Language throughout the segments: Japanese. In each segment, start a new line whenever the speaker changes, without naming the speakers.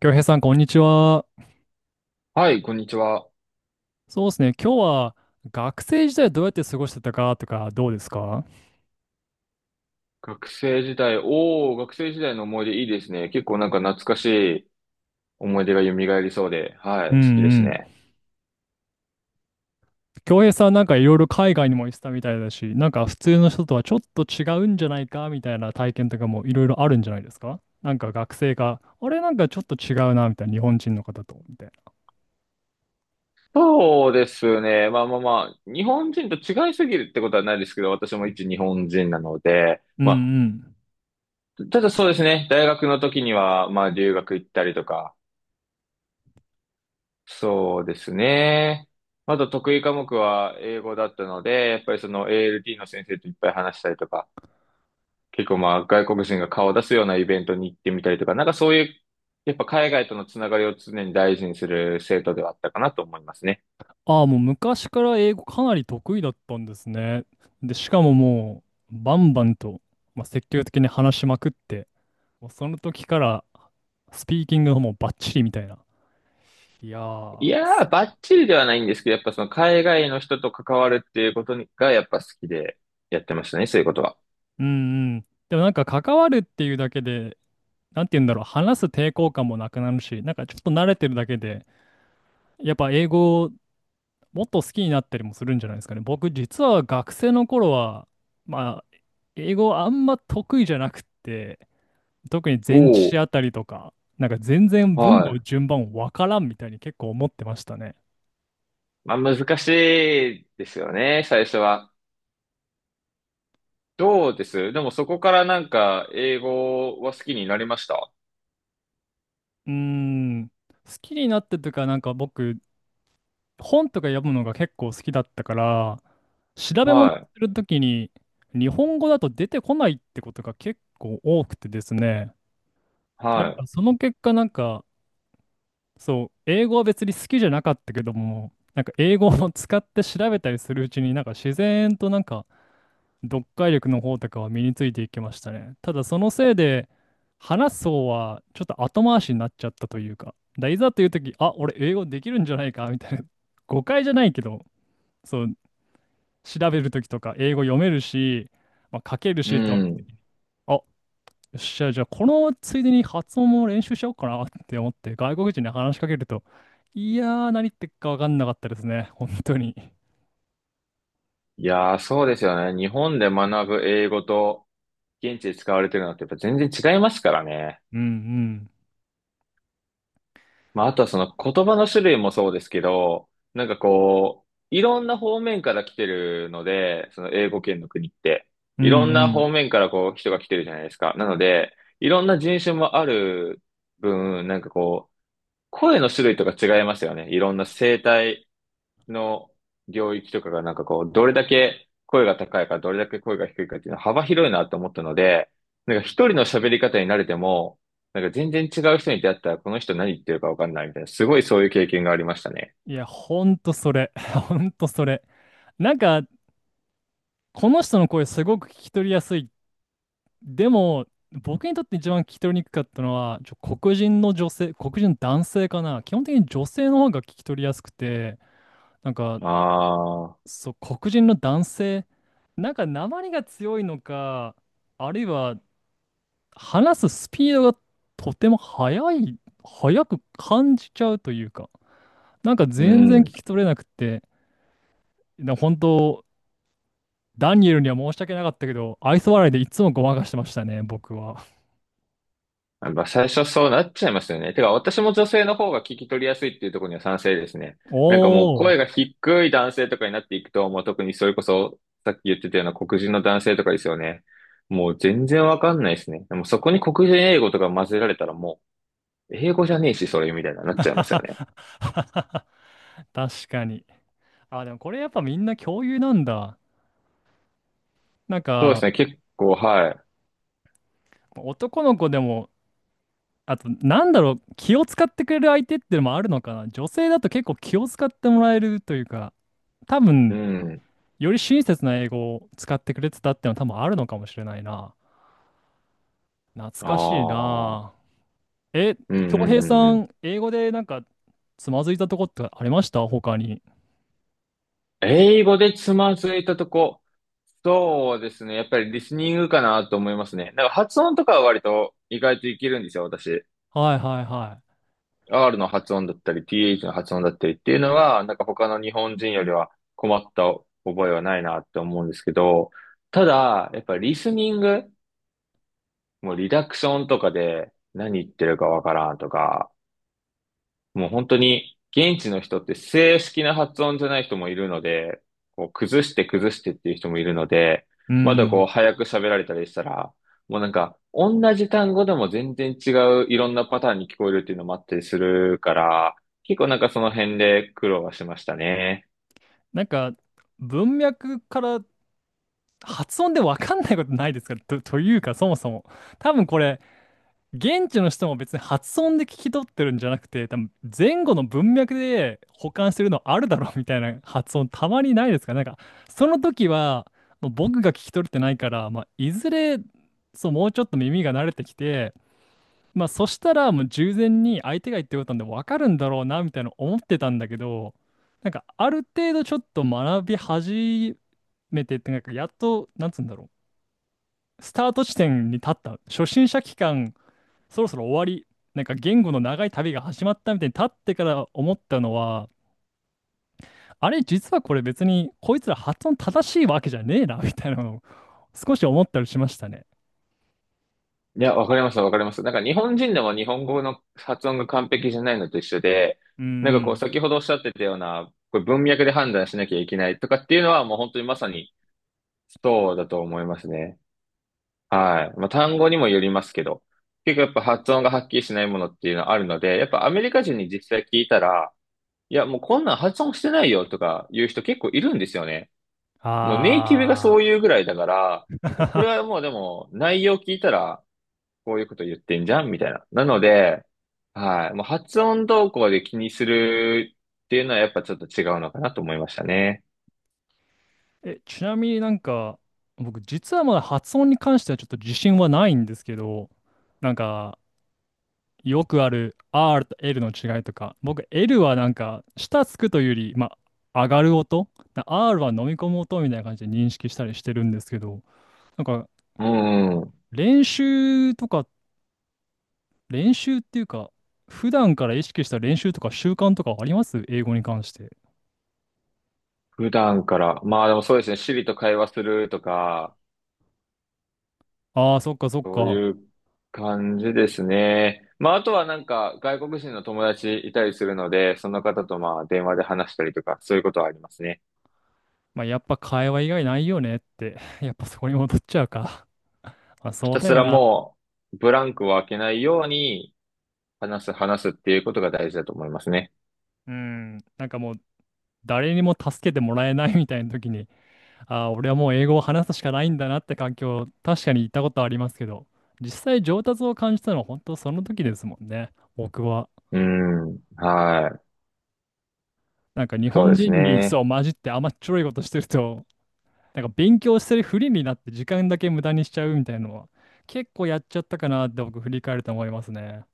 京平さん、こんにちは。
はい、こんにちは。
そうですね。今日は学生時代どうやって過ごしてたかとかどうですか？
学生時代の思い出いいですね。結構なんか懐かしい思い出が蘇りそうで、は
う
い、
ん
好きです
うん。
ね。
京平さんなんかいろいろ海外にも行ってたみたいだし、なんか普通の人とはちょっと違うんじゃないかみたいな体験とかもいろいろあるんじゃないですか。なんか学生が、あれなんかちょっと違うなみたいな日本人の方と、みたいな。
そうですね。日本人と違いすぎるってことはないですけど、私も一日本人なので、
うん
まあ、
うん。
ただそうですね。大学の時には、まあ留学行ったりとか、そうですね。あと得意科目は英語だったので、やっぱりその ALT の先生といっぱい話したりとか、結構まあ外国人が顔を出すようなイベントに行ってみたりとか、なんかそういう、やっぱ海外とのつながりを常に大事にする生徒ではあったかなと思いますね。
ああ、もう昔から英語かなり得意だったんですね。で、しかももうバンバンと、まあ、積極的に話しまくって、もうその時からスピーキングの方もバッチリみたいな。いや
い
ー、
や
す
ー、ばっちりではないんですけど、やっぱその海外の人と関わるっていうことにがやっぱ好きでやってましたね、そういうことは。
うんうん。でもなんか関わるっていうだけで、なんて言うんだろう、話す抵抗感もなくなるし、なんかちょっと慣れてるだけで、やっぱ英語をもっと好きになったりもするんじゃないですかね。僕実は学生の頃は、まあ、英語あんま得意じゃなくって、特に
お
前置詞
お。
あたりとか、なんか全然文
は
の
い。
順番わからんみたいに結構思ってましたね。
まあ難しいですよね、最初は。どうですでもそこからなんか英語は好きになりました。
うーん。好きになってというか、なんか僕、本とか読むのが結構好きだったから、調べ物す
はい。
るときに日本語だと出てこないってことが結構多くてですね。でなん
は
かその結果なんか、そう、英語は別に好きじゃなかったけども、なんか英語を使って調べたりするうちになんか自然となんか読解力の方とかは身についていきましたね。ただそのせいで話す方はちょっと後回しになっちゃったというか、だいざというとき、あ、俺英語できるんじゃないかみたいな、誤解じゃないけど、そう、調べるときとか英語読めるし、まあ、書ける
い。う
しって思っ
ん。
て、あ、よっしゃ、じゃあこのついでに発音も練習しようかなって思って、外国人に話しかけると、いやー、何言ってっか分かんなかったですね、本当に。
いやー、そうですよね。日本で学ぶ英語と現地で使われてるのってやっぱ全然違いますからね。
うんうん。
まあ、あとはその言葉の種類もそうですけど、なんかこう、いろんな方面から来てるので、その英語圏の国って。
うん
いろん
う
な
ん。
方面からこう人が来てるじゃないですか。なので、いろんな人種もある分、なんかこう、声の種類とか違いましたよね。いろんな声帯の領域とかがなんかこう、どれだけ声が高いか、どれだけ声が低いかっていうのは幅広いなと思ったので、なんか一人の喋り方に慣れても、なんか全然違う人に出会ったらこの人何言ってるかわかんないみたいな、すごいそういう経験がありましたね。
いや、ほんとそれ。ほんとそれ。なんか、この人の声すごく聞き取りやすい。でも、僕にとって一番聞き取りにくかったのは、黒人の女性、黒人の男性かな。基本的に女性の方が聞き取りやすくて、なんか、
ああ、
そう、黒人の男性、なんか訛りが強いのか、あるいは話すスピードがとても速い、速く感じちゃうというか、なんか
う
全然聞
ん。
き取れなくて、本当、ダニエルには申し訳なかったけど、愛想笑いでいつもごまかしてましたね、僕は。
やっぱ最初そうなっちゃいますよね。てか、私も女性の方が聞き取りやすいっていうところには賛成ですね。なんかもう
お
声
ー、
が低い男性とかになっていくと、もう特にそれこそ、さっき言ってたような黒人の男性とかですよね。もう全然わかんないですね。でもそこに黒人英語とか混ぜられたらもう、英語じゃねえし、それみたいなな っ
は
ちゃいますよ
は
ね。
はは確かに。あ、でもこれやっぱみんな共有なんだ。なん
そうです
か、
ね、結構、は
男の子でも、あと、なんだろう、気を使ってくれる相手ってのもあるのかな。女性だと結構気を使ってもらえるというか、多
い。う
分、
ん。
より親切な英語を使ってくれてたってのは多分あるのかもしれないな。懐
あ
かしいな。
あ。
え、
うん
恭
うん
平
うん
さ
うん。
ん、英語でなんかつまずいたとこってありました他に？
英語でつまずいたとこ。そうですね。やっぱりリスニングかなと思いますね。なんか発音とかは割と意外といけるんですよ、私。
はいはいはい。
R の発音だったり、TH の発音だったりっていうのは、なんか他の日本人よりは困った覚えはないなって思うんですけど、ただ、やっぱりリスニング、もうリダクションとかで何言ってるかわからんとか、もう本当に現地の人って正式な発音じゃない人もいるので、こう崩して崩してっていう人もいるので、
う
まだこ
ん。
う早く喋られたりしたら、もうなんか同じ単語でも全然違ういろんなパターンに聞こえるっていうのもあったりするから、結構なんかその辺で苦労はしましたね。
なんか、文脈から発音でわかんないことないですかと、というか、そもそも。多分これ、現地の人も別に発音で聞き取ってるんじゃなくて、多分前後の文脈で保管してるのあるだろうみたいな発音たまにないですかねなんか、その時は、もう僕が聞き取れてないから、まあ、いずれ、そう、もうちょっと耳が慣れてきて、まあ、そしたらもう従前に相手が言ってることなんで分かるんだろうな、みたいな思ってたんだけど、なんか、ある程度ちょっと学び始めてって、なんか、やっと、なんつうんだろう、スタート地点に立った、初心者期間、そろそろ終わり、なんか言語の長い旅が始まったみたいに立ってから思ったのは、あれ、実はこれ別にこいつら発音正しいわけじゃねえな、みたいなのを少し思ったりしましたね。
いや、わかります。なんか日本人でも日本語の発音が完璧じゃないのと一緒で、
うん
なんか
う
こう
ん。
先ほどおっしゃってたような、これ文脈で判断しなきゃいけないとかっていうのはもう本当にまさにそうだと思いますね。はい。まあ、単語にもよりますけど、結構やっぱ発音がはっきりしないものっていうのはあるので、やっぱアメリカ人に実際聞いたら、いや、もうこんなん発音してないよとか言う人結構いるんですよね。もうネイティブが
あ
そういうぐらいだから、
あ。
もうこれはも うでも内容聞いたら、こういうこと言ってんじゃんみたいな。なので、はい。もう発音動向で気にするっていうのはやっぱちょっと違うのかなと思いましたね。
ちなみになんか、僕実はまだ発音に関してはちょっと自信はないんですけど、なんか、よくある R と L の違いとか、僕 L はなんか下つくというより、まあ、上がる音、な R は飲み込む音みたいな感じで認識したりしてるんですけど、なんか
うん。
練習とか、練習っていうか、普段から意識した練習とか習慣とかあります英語に関して？
普段から。まあでもそうですね。Siri と会話するとか、
ああ、そっかそっ
そう
か。
いう感じですね。まああとはなんか外国人の友達いたりするので、その方とまあ電話で話したりとか、そういうことはありますね。
まあ、やっぱ会話以外ないよねって、やっぱそこに戻っちゃうか。まあ、
ひ
そう
た
だ
す
よ
ら
な。
もうブランクを空けないように話す、話すっていうことが大事だと思いますね。
うん。なんかもう誰にも助けてもらえないみたいな時に、ああ、俺はもう英語を話すしかないんだなって環境、確かに行ったことはありますけど、実際上達を感じたのは本当その時ですもんね。僕は。
うん。はい。
なんか日
そう
本
です
人に
ね。
そう混じって甘っちょろいことしてると、なんか勉強してるふりになって時間だけ無駄にしちゃうみたいなのは、結構やっちゃったかなって僕振り返ると思いますね。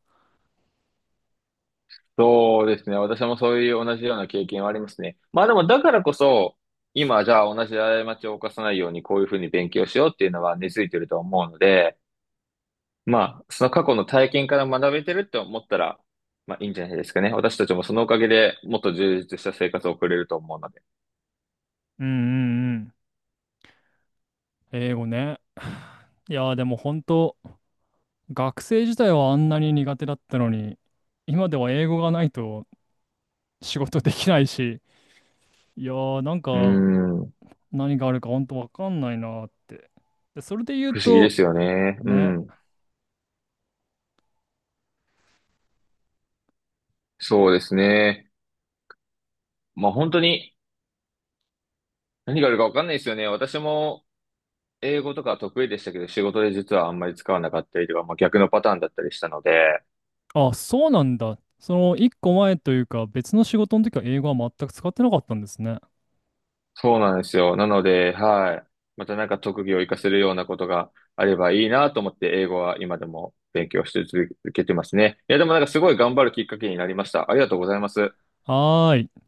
そうですね。私もそういう同じような経験はありますね。まあでも、だからこそ、今、じゃあ同じ過ちを犯さないように、こういうふうに勉強しようっていうのは根付いてると思うので、まあ、その過去の体験から学べてるって思ったら、まあいいんじゃないですかね。私たちもそのおかげでもっと充実した生活を送れると思うので。
うんうんうん。英語ね。いやーでも本当、学生自体はあんなに苦手だったのに、今では英語がないと仕事できないし、いやーなん
うー
か
ん。
何があるか本当わかんないなーって。で、それで言う
不思議で
と、
すよね。う
ね、
ん。そうですね。まあ本当に何があるかわかんないですよね。私も英語とか得意でしたけど、仕事で実はあんまり使わなかったりとか、まあ、逆のパターンだったりしたので、
あ、そうなんだ。その一個前というか別の仕事の時は英語は全く使ってなかったんですね。
そうなんですよ。なので、はい。またなんか特技を活かせるようなことがあればいいなと思って、英語は今でも勉強して続けてますね。いや、でもなんかすごい頑張るきっかけになりました。ありがとうございます。
はーい。